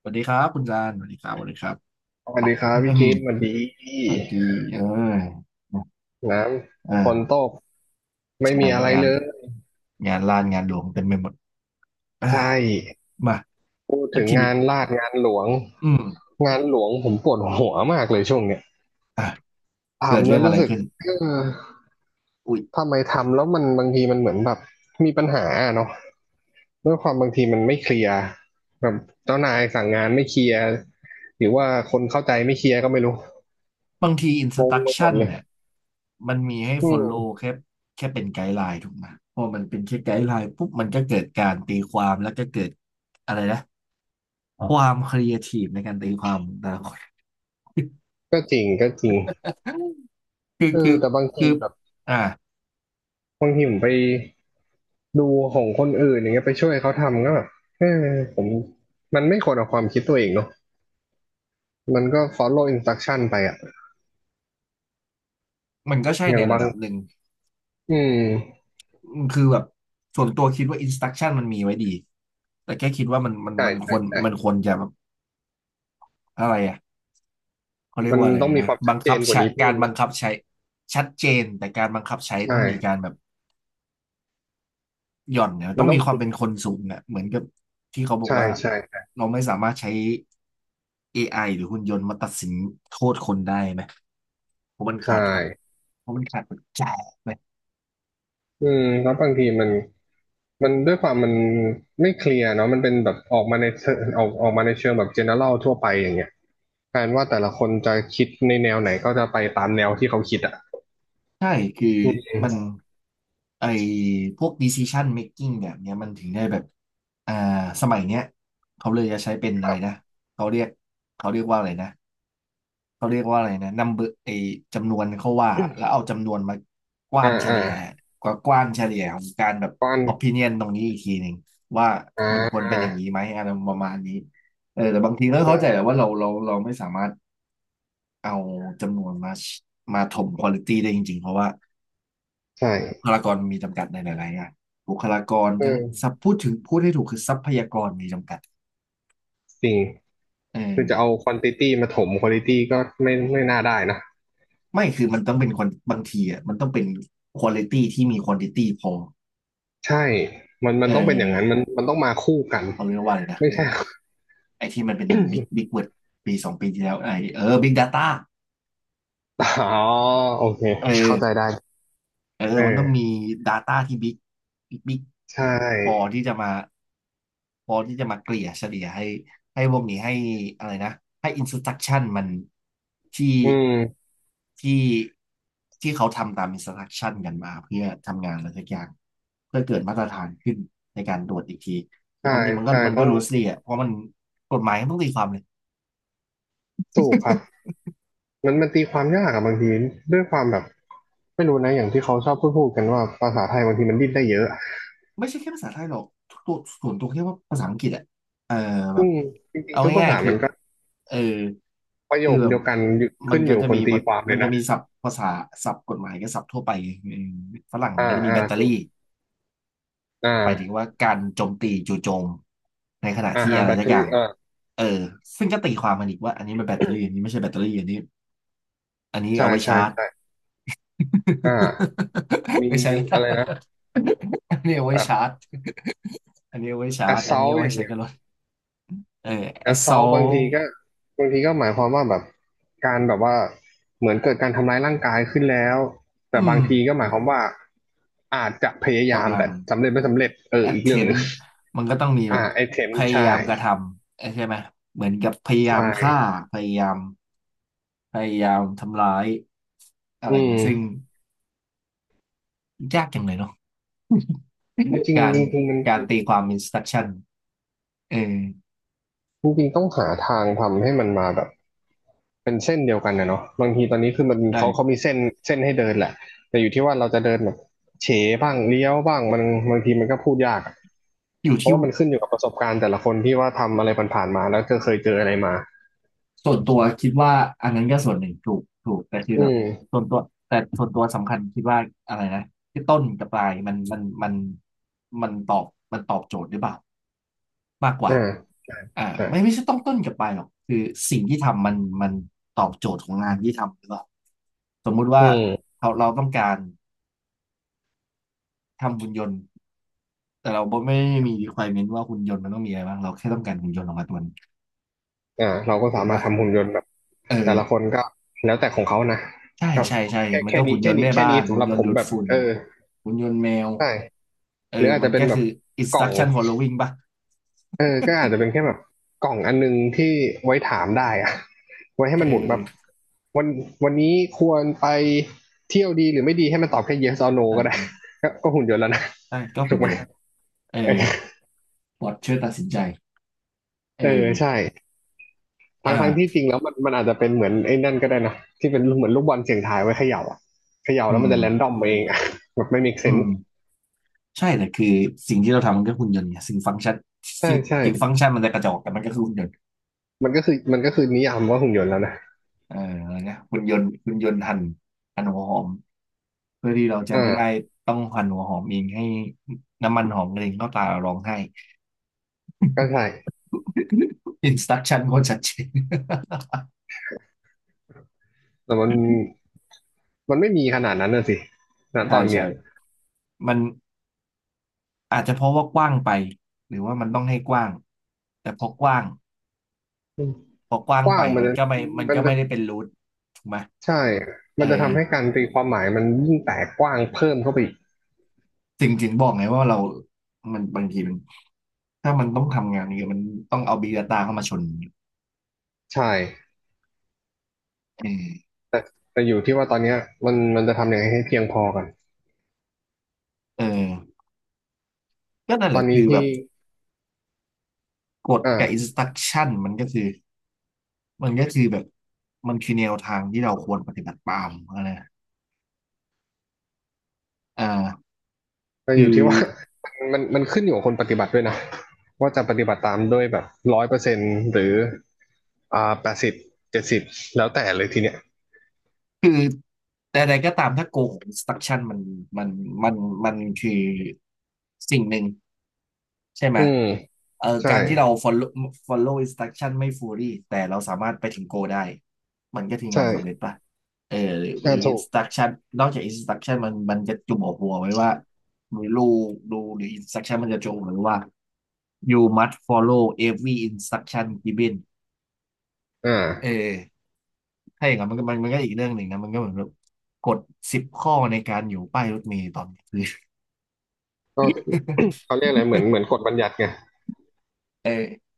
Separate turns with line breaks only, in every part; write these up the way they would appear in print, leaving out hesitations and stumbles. สวัสดีครับคุณจานสวัสดีครับสวัสดีครับ
สวัสดีครับ
อื
พี่
ม
กิฟต์สวัสดีพี่
เมื่อกี้
น้ำฝน
เออ
ตกไม่
ใช่
มีอะไร
งาน
เลย
ลานงานหลวงเต็มไปหมดเอ้
ใช่
ยมา
พูด
แล้
ถึ
ว
ง
ที
งา
นี้
นลาดงานหลวง
อืม
งานหลวงผมปวดหัวมากเลยช่วงเนี้ย
อ่ะเกิด
ทำแล้
เรื่อ
ว
งอะ
รู้
ไร
สึก
ขึ้น
เออ
อุ้ย
ทำไมทำแล้วมันบางทีมันเหมือนแบบมีปัญหาอะเนาะด้วยความบางทีมันไม่เคลียร์แบบเจ้านายสั่งงานไม่เคลียร์หรือว่าคนเข้าใจไม่เคลียร์ก็ไม่รู้
บางทีอินส
งง
ตั c
ไปหมด
ชั่น
เลย
เนี่ยมันมีให้
อื
follow
ม
แค่แค่เป็นไกด์ไลน์ถูกไหมพอมันเป็นแค่ไกด์ไลน์ปุ๊บมันก็เกิดการตีความแล้วก็เกิดอะไรนะความครีเอทีฟในการตีความของแต่ละคน
ก็จริงก็จริง
คือ
เออ
คือ
แต่บางที
คือ
แบบ
อ่ะ
บางทีผมไป ดูของคนอื่นอย่างเงี้ยไปช่วยเขาทำก็แบบเออผมมันไม่ควรเอาความคิดตัวเองเนาะมันก็ follow instruction ไปอะ
มันก็ใช่
อ
ใน
ย่าง
ระ
บาง
ดับหนึ่ง
อืม
คือแบบส่วนตัวคิดว่าอินสต u c t ชั่นมันมีไว้ดีแต่แค่คิดว่ามันมัน
ใช่
มันค
ใช่
วร
ใช่
ควรจะแบบอะไรอ่ะเขาเรียก
มัน
ว่าอะไร
ต้องมี
นะ
ความชั
บั
ด
ง
เจ
คับ
นกว่า
ใช้
นี้
กา
เพิ่
ร
ม
บั
นะ
งคับใช้ชัดเจนแต่การบังคับใช้
ใช่
ต้องมีการแบบหย่อนเนี่ยต้
มั
อ
น
ง
ต้อ
มี
ง
ความ
คิด
เป็นคนสูงเนี่ยเหมือนกับที่เขาบอก
ใช่
ว่า
ใช่
เราไม่สามารถใช้ AI หรือหุ่นยนต์มาตัดสินโทษคนได้ไหมเพราะมัน
ใช่
ขาดครับเพราะมันขาดปัจจัยไหม
อืมแล้วบางทีมันมันด้วยความมันไม่เคลียร์เนาะมันเป็นแบบออกมาในเชิงแบบ general ทั่วไปอย่างเงี้ยแทนว่าแต่ละคนจะคิดในแนวไหนก็จะไปตามแนวที่เขาคิดอ่ะ
ใช่คือ
อืม
มันไอพวก decision making แบบเนี้ยมันถึงได้แบบอ่าสมัยเนี้ยเขาเลยจะใช้เป็น
ค
อะไร
รับ
นะเขาเรียกเขาเรียกว่าอะไรนะเขาเรียกว่าอะไรนะ number ไอจำนวนเขาว่าแล้วเอาจำนวนมากว้า
อ่า
นเฉ
อ่า
ลี่ยกว้านเฉลี่ยของการแบบ
ก้อน
opinion ตรงนี้อีกทีหนึ่งว่า
อ่
มันควรเป็นอ
า
ย่างนี้ไหมอะไรประมาณนี้เออแต่บางทีก็เข้า
ก็
ใจแหละว่าเราไม่สามารถเอาจำนวนมาถมควอลิตีได้จริงๆเพราะว่า
ใช่
บุคลากรมีจำกัดในหลายๆงานบุคลากร
เออ
ทั้งสับพูดถึงพูดให้ถูกคือทรัพยากรมีจำกัด
จริง
เอ
คือจะเอา
อ
ควอนติตี้มาถมควอลิตี้ก็ไม่ไม่น่าได้นะ
ไม่คือมันต้องเป็นคนบางทีอ่ะมันต้องเป็นควอลิตี้ที่มีควอนติตี้พอ
ใช่มันมั
เอ
นต้องเป็นอย่างนั้นมั
อ
นมันต้องมาคู่กัน
เอาเรียกว่าเลยนะ
ไม่ใช่
ไอ้ที่มันเป็นบิ๊กเวิร์ดปีสองปีที่แล้วไอ้บิ๊กดาต้า
อ๋อโอเค
เออ
เข้าใจได้
เออ
เ
มันต้องมี
ออ
Data ที่บิ๊กบิ๊ก
ใช
พอ
่
ที่จะมาพอที่จะมาเกลี่ยเฉลี่ยให้ให้พวกนี้ให้อะไรนะให้ instruction มันที่
อืม
ที่ที่เขาทำตาม instruction กันมาเพื่อทำงานอะไรสักอย่างเพื่อเกิดมาตรฐานขึ้นในการตรวจอีกทีแต่
ใช่
ความจริง
ใช่
มัน
ต้
ก็
อง
รู้สิอ่ะเพราะมันกฎหมายมันต้องตีความเลย
ถูกครับมันตีความยากอะบางทีด้วยความแบบไม่รู้นะอย่างที่เขาชอบพูดกันว่าภาษาไทยบางทีมันดิ้นได้เยอะ
ไม่ใช่แค่ภาษาไทยหรอกตัวส่วนตัวแค่ว่าภาษาอังกฤษอะเออแบบ
จริง
เอา
ๆทุกภา
ง่าย
ษา
ๆคือ
มันก็
เออ
ประโย
คือ
ค
แบบ
เดียวกันอยู่
มั
ขึ้
น
นอ
ก็
ยู่
จะ
ค
มี
นตี
วัด
ความเล
มัน
ย
จะ
นะ
มีศัพท์ภาษาศัพท์กฎหมายกับศัพท์ทั่วไปเออฝรั่ง
อ่า
ก็จะมี
อ่า
แบตเตอ
ถูก
รี่
อ่
ไปถึง
า
ว่าการโจมตีจู่โจมในขณะ
อ่า
ที่
ฮะ
อะไร
แบต
สั
เต
ก
อ
อ
รี่
ย่าง
อ่า
เออซึ่งก็ตีความมันอีกว่าอันนี้มันแบตเตอรี่อันนี้ไม่ใช่แบตเตอรี่อันนี้
ใช่
เอาไว้
ใช่
ชาร์จ
ใช่อ่ามี
ไม่ใช่ล
อะไรนะ
ะอันนี้เอาไว้
แบ
ชาร์
บ
จอันนี้เอาไว้ชา
แอ
ร์จ
สซ
อัน
อ
นี้
ล
เอา
อ
ไว้
ย่าง
ใช้
เงี้ย
กับรถเอ
แอ
อ
สซอลบาง
assault
ทีก็บางทีก็หมายความว่าแบบการแบบว่าเหมือนเกิดการทำร้ายร่างกายขึ้นแล้ว
อื
แต่บา
ม
งทีก็หมายความว่าอาจจะพยายาม
กำลัง
แต่สำเร็จไม่สำเร็จเอออีกเรื่องห
attempt
นึ่ง
มันก็ต้องมีแบ
อ่า
บ
ไอเทม
พยายา
ใช่
มกระทำเออใช่ไหมเหมือนกับพยา
ใช
ยามฆ่า
่
พยายามพยายามทำร้ายอะไร
อื
อย่างนี้ซึ่ง
ม
ยากจังเลยเนาะ
จริ ง
การ
ๆจริงๆมัน
การตีความ instruction เออ
จริงๆต้องหาทางทำให้มันมาแบบเป็นเส้นเดียวกันนะเนาะบางทีตอนนี้คือมันเขามี
ใช่
เส้นเส้นให้เดินแหละแต่อยู่ที่ว่าเราจะเดินแบบเฉบ้างเลี้ยวบ้างมันบางทีมันก็พูดยากอะ
อยู่
เพ
ที่
ราะว่ามันขึ้นอยู่กับประสบการณ์แต่ละคนที่ว่าทำอะไรผ่านๆมาแล้วก็เคยเจออะไรมา
ส่วนตัวคิดว่าอันนั้นก็ส่วนหนึ่งถูกแต่คือ
อื
แบบ
ม
ส่วนตัวส่วนตัวสำคัญคิดว่าอะไรนะที่ต้นกับปลายมันมันตอบมันตอบโจทย์หรือเปล่ามากกว่า
อ่า
อ่า
ใช่
ไม่ใช่ต้องต้นกับปลายหรอกคือสิ่งที่ทำมันมันตอบโจทย์ของงานที่ทำหรือเปล่าสมมุติว่า
อืม
เราต้องการทำหุ่นยนต์แต่เราไม่ได้มี requirement ว่าหุ่นยนต์มันต้องมีอะไรบ้างเราแค่ต้องการหุ่นยนต์ออกมาตัวหนึง
อ่าเราก็
ถู
สา
ก
มารถ
ป่ะ
ทำหุ่นยนต์แบบ
เอ
แต่ละค
อ
นก็แล้วแต่ของเขานะ
ใช่
ก็
ใช่ใช่
แค่
มัน
แค่
ก็หุ่
นี้
นย
แค่
นต์
นี้
แม่
แค่
บ้า
นี้
น
สำ
หุ่น
หรับ
ยน
ผ
ต์
ม
ดูด
แบบ
ฝุ่น
เออ
หุ่นยนต์แมว
ใช่
เออ
หรืออาจ
มั
จะ
น
เป็น
ก็
แบบ
คือ
กล่อง
instruction following ป่ะ
เออก็อาจจะเป็นแค่แบบกล่องอันนึงที่ไว้ถามได้อะ ไว้ให้
เอ
มันหมุนแบบ
อ
วันวันนี้ควรไปเที่ยวดีหรือไม่ดีให้มันตอบแค่ yes or no
ใช่
ก็ได้
ใช่
ก็ก็หุ่นยนต์แล้วนะ
ใช่ก็
ถู
หุ่น
กไห
ย
ม
นต์เออ
เออ
ปอทช่วยตัดสินใจเอ
เออใช่
ออ
ทั้งที่จ
่า
ริงแล้วมันอาจจะเป็นเหมือนไอ้นั่นก็ได้นะที่เป็นเหมือนลูกบอลเสี่ยงทายไว้เขย่าอะเขย่า
อื
แล้วมัน
ม
จะแรนดอมเองอะ แบบไม่มีเซ
อื
น
ม
ส์
ใช่แต่คือสิ่งที่เราทำมันก็หุ่นยนต์ไงสิ่งฟังก์ชัน
ใช่
สิ่ง
ใช่
ถึงฟังก์ชันมันจะกระจอกแต่มันก็คือหุ่นยนต์
มันก็คือนิยามว่าหุ่นยนต์แล้วนะ
เอออะไรนะหุ่นยนต์หั่นหัวหอมเพื่อที่เราจะไม่ได้
อ่า
ต้องหั่นหัวหอมเองให้น้ำมันหอมเด็นเข้าตาเราร้องไห้
ก็ใช่
อินสต u ักชั่นโคตรชัดเจน
แต่มันไม่มีขนาดนั้นนะสิณ ต
ใช่
อนเนี้ย
ใช่มันอาจจะเพราะว่ากว้างไปหรือว่ามันต้องให้กว้างแต่พอกว้าง
ก
ไป
ว้างมันจะ
มัน
มัน
ก็
จะ
ไม่ได้เป็นรูทถูกไหม
ใช่
เอ
มันจะ
อ
ทำให้การตีความหมายมันยิ่งแตกกว้างเพิ่มเข้าไปอีก
ถึงบอกไงว่าเรามันบางทีมันถ้ามันต้องทำงานนี้มันต้องเอา Big Data เข้ามาชน
ใช่
เออ
แต่แต่อยู่ที่ว่าตอนเนี้ยมันจะทำยังไงให้เพียงพอกัน
เออก็นั่น
ต
แห
อ
ละ
น
คื
นี้
อแบ
ที่
บกฎกับ
อ่า
instruction มันก็คือแบบมันคือแนวทางที่เราควรปฏิบัติตามนะเออ
แต่
คื
อยู่
อ
ที่ว่า มันขึ้นอยู่กับคนปฏิบัติด้วยนะ ว่าจะปฏิบัติตามด้วยแบบ100%หรืออ่า8070แล้วแต่เลยทีเนี้ย
คือ แต่ใดก็ตามถ้าโกง s t r u c t i o n มันมันมันคือสิ่งหนึ่งใช่ไหม
อืมใช่
การที่เรา follow instruction ไม่ fully แต่เราสามารถไปถึงโกได้ มันก็ถืองานสำเร็จ
ใช่
ป่ะอหรือห
อ่า
รือ
ถูก
instruction นอกจาก instruction มันจะจุ่มหัวไว้ว่ารูหรือ instruction มันจะจุ่มหรือวว่า you must follow every instruction given
อ่
เออ
า
ถ้าอย่างนั้นมันก็อีกเรื่องหนึ่งนะมันก็เหมือนแบบกฎ10 ข้อในการอยู่ป้ายรถเมล์ตอนกลางคืน
ก็เขาเรียกอะไรเหมือน เหมือนกฎบัญญัติไง
เออ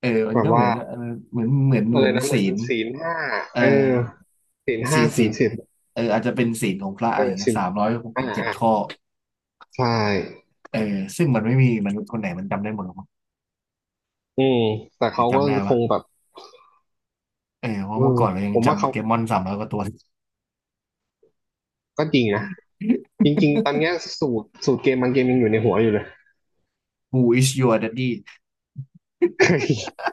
มัน
แบบ
ก็เหมื
ว่า
อนเหมือนเหมือนเห
อะไร
มือน
นะเหมื
ศี
อน
ล
ศีลห้า
เออ
เออ ศีลห้า
ศีล
ศี
ศี
ล
ล
สิบ
อาจจะเป็นศีลของพระ
เอ
อะ
อ
ไรเงี้
ศี
ย
ล
สามร้อยหก
อ่า
สิบเจ็ด
อ่า
ข้อ
ใช่
เออซึ่งมันไม่มีมนุษย์คนไหนมันจำได้หมดหรอกมั้ง
อืมแต่
หรื
เขา
อ
ก็
จำได้
ค
ปะ
งแบบ
เพ
เอ
ราะ
อ
เมื่อก่อนเรายัง
ผมว่า
จำโป
เขา
เกมอน300 กว่าตัว
ก็จริงนะจ ริงๆตอนเนี้ยสูตรเกมบางเกมยังอยู่ในหัวอยู่เลย
Who is your daddy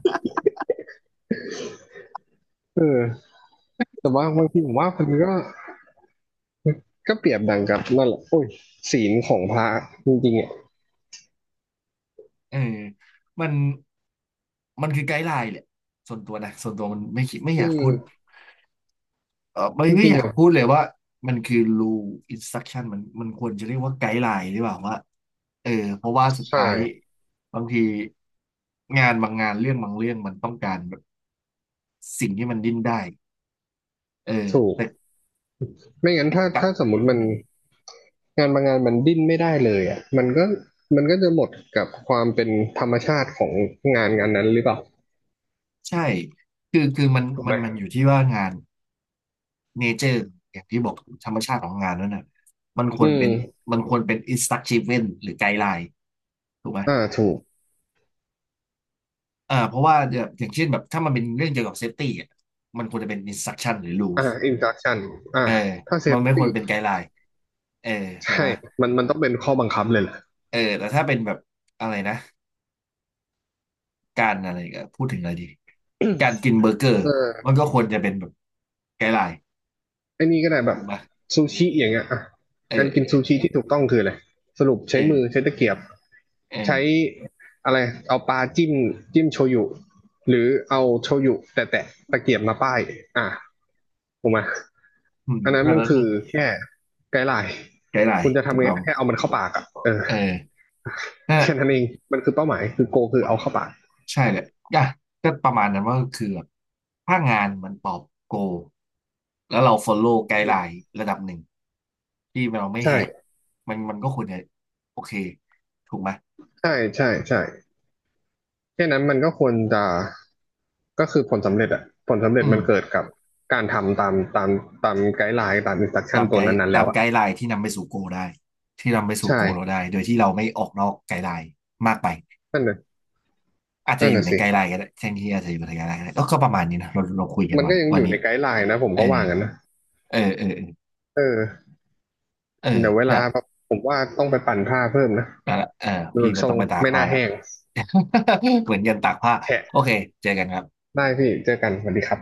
เออแต่ว่าบางทีผมว่ามันก็ก็เปรียบดังกับนั่นแหละโอ้ยศีลของพระจริงๆอ่ะ
เออมันมันคือไกด์ไลน์แหละส่วนตัวนะส่วนตัวมันไม่คิดไม่อ
อื
ยาก
ม
พูด ไม่
จ
ไม่
ริ
อ
งๆ
ยาก
อ่ะ
พูดเลยว่ามันคือ rule instruction มันควรจะเรียกว่าไกด์ไลน์หรือเปล่าว่าเออเพราะว่าสุด
ใช่
ท้ายบางทีงานบางงานเรื่องบางเรื่องมันต้องการแบบสิ่งที่มันดิ้นได้เออ
ถูก
แต่
ไม่งั้นถ้า
กลับ
ถ้าสมมติ
อื
มัน
ม
งานบางงานมันดิ้นไม่ได้เลยอ่ะมันก็มันก็จะหมดกับความเป็นธรรมชาติของงานนั้นหรือเปล่า
ใช่คือมัน
ถูก
มั
ไหม
นมันอยู่ที่ว่างานเนเจอร์อย่างที่บอกธรรมชาติของงานนั้นน่ะมันคว
อื
รเป็น
ม
มันควรเป็น instruction หรือไกด์ไลน์ถูกไหม
อ่าถูก
อ่าเพราะว่าแบบอย่างเช่นแบบถ้ามันเป็นเรื่องเกี่ยวกับเซฟตี้อ่ะมันควรจะเป็น instruction หรือ
อ่า
rules
induction อ่า
เออ
ถ้า
มันไม่ค
safety
วรเป็นไกด์ไลน์เออถูก
ใช่
ไหม
มันต้องเป็นข้อบังคับเลยแหละ
แต่ถ้าเป็นแบบอะไรนะการอะไรก็พูดถึงอะไรดีการกินเบอร์เกอ
เอ
ร์มัน
อ
ก็ควรจะเป็นแบบไกด์ไลน์
ไอ้นี่ก็ได้แบ
ถู
บ
กไหม
ซูชิอย่างเงี้ยอ่ะ
เออ
การ
เอ
กิ
อ
น
เอ
ซู
อ
ชิที่ถูกต้องคืออะไรสรุปใช้มือ
เออ
ใช้ตะเกียบ
เออ
ใช้อะไรเอาปลาจิ้มจิ้มโชยุหรือเอาโชยุแต่แตะตะเกียบมาป้ายอ่าถูกไหม
อืม
อันนั้น
แล้ว
มัน
ก็
คือแค่ไกด์ไลน์
ไกด์ไล
คุ
น์
ณจะ
ถู
ทำ
ก
ไง
ต้อง
ก็แค่เอามันเข้าปากอ่ะเออ
เออนั่น
แค่นั้นเองมันคือเป้าหมายคือโกคือเอาเข้าปาก
ใช่เลยอ่ะก็ประมาณนั้นว่าคือแบบถ้างานมันตอบโกลแล้วเรา follow ไกด์ไลน์ระดับหนึ่งที่เราไม่แหก
ใช่
มันก็ควรจะโอเคถูกไหม
ใช่ใช่ใช่แค่นั้นมันก็ควรจะ ก็คือผลสำเร็จอะผลสำเร็
อื
จ
ม
มันเกิดกับการทำตามไกด์ไลน์ตามอินสตรัคชั่นตัวนั้นๆ
ตา
แล้ว
ม
อะ
ไกด์ไลน์ที่นำไปสู่โกลได้ที่นำไปสู่โกลเรา
ใช่
ได้โดยที่เราไม่ออกนอกไกด์ไลน์มากไป
นั่นน่ะ
อาจจะอยู่ใน
สิ
ไกด์ไลน์ก็ได้แทนที่อาจจะอยู่ในไกด์ไลน์ก็ได้ก็ก็ประมาณนี้นะเราคุยกัน
มัน
วั
ก็
น
ยัง
วั
อ
น
ยู่
นี้
ในไกด์ไลน์นะผม
เอ
ก็
อ
ว่างั้นนะ
เออเออเออ
เออ
เออ
เดี๋ยวเว
เดี๋
ลา
ยว
ผมว่าต้องไปปั่นผ้าเพิ่มนะ
ไปละ
ดู
พี่มั
ท
น
ร
ต้อ
ง
งไปตาก
ไม่
ผ้า
น่า
ละ
แห้ง
เหมือนยันตากผ้า
แฉะ
โอเคเจอกันครับ
ได้พี่เจอกันสวัสดีครับ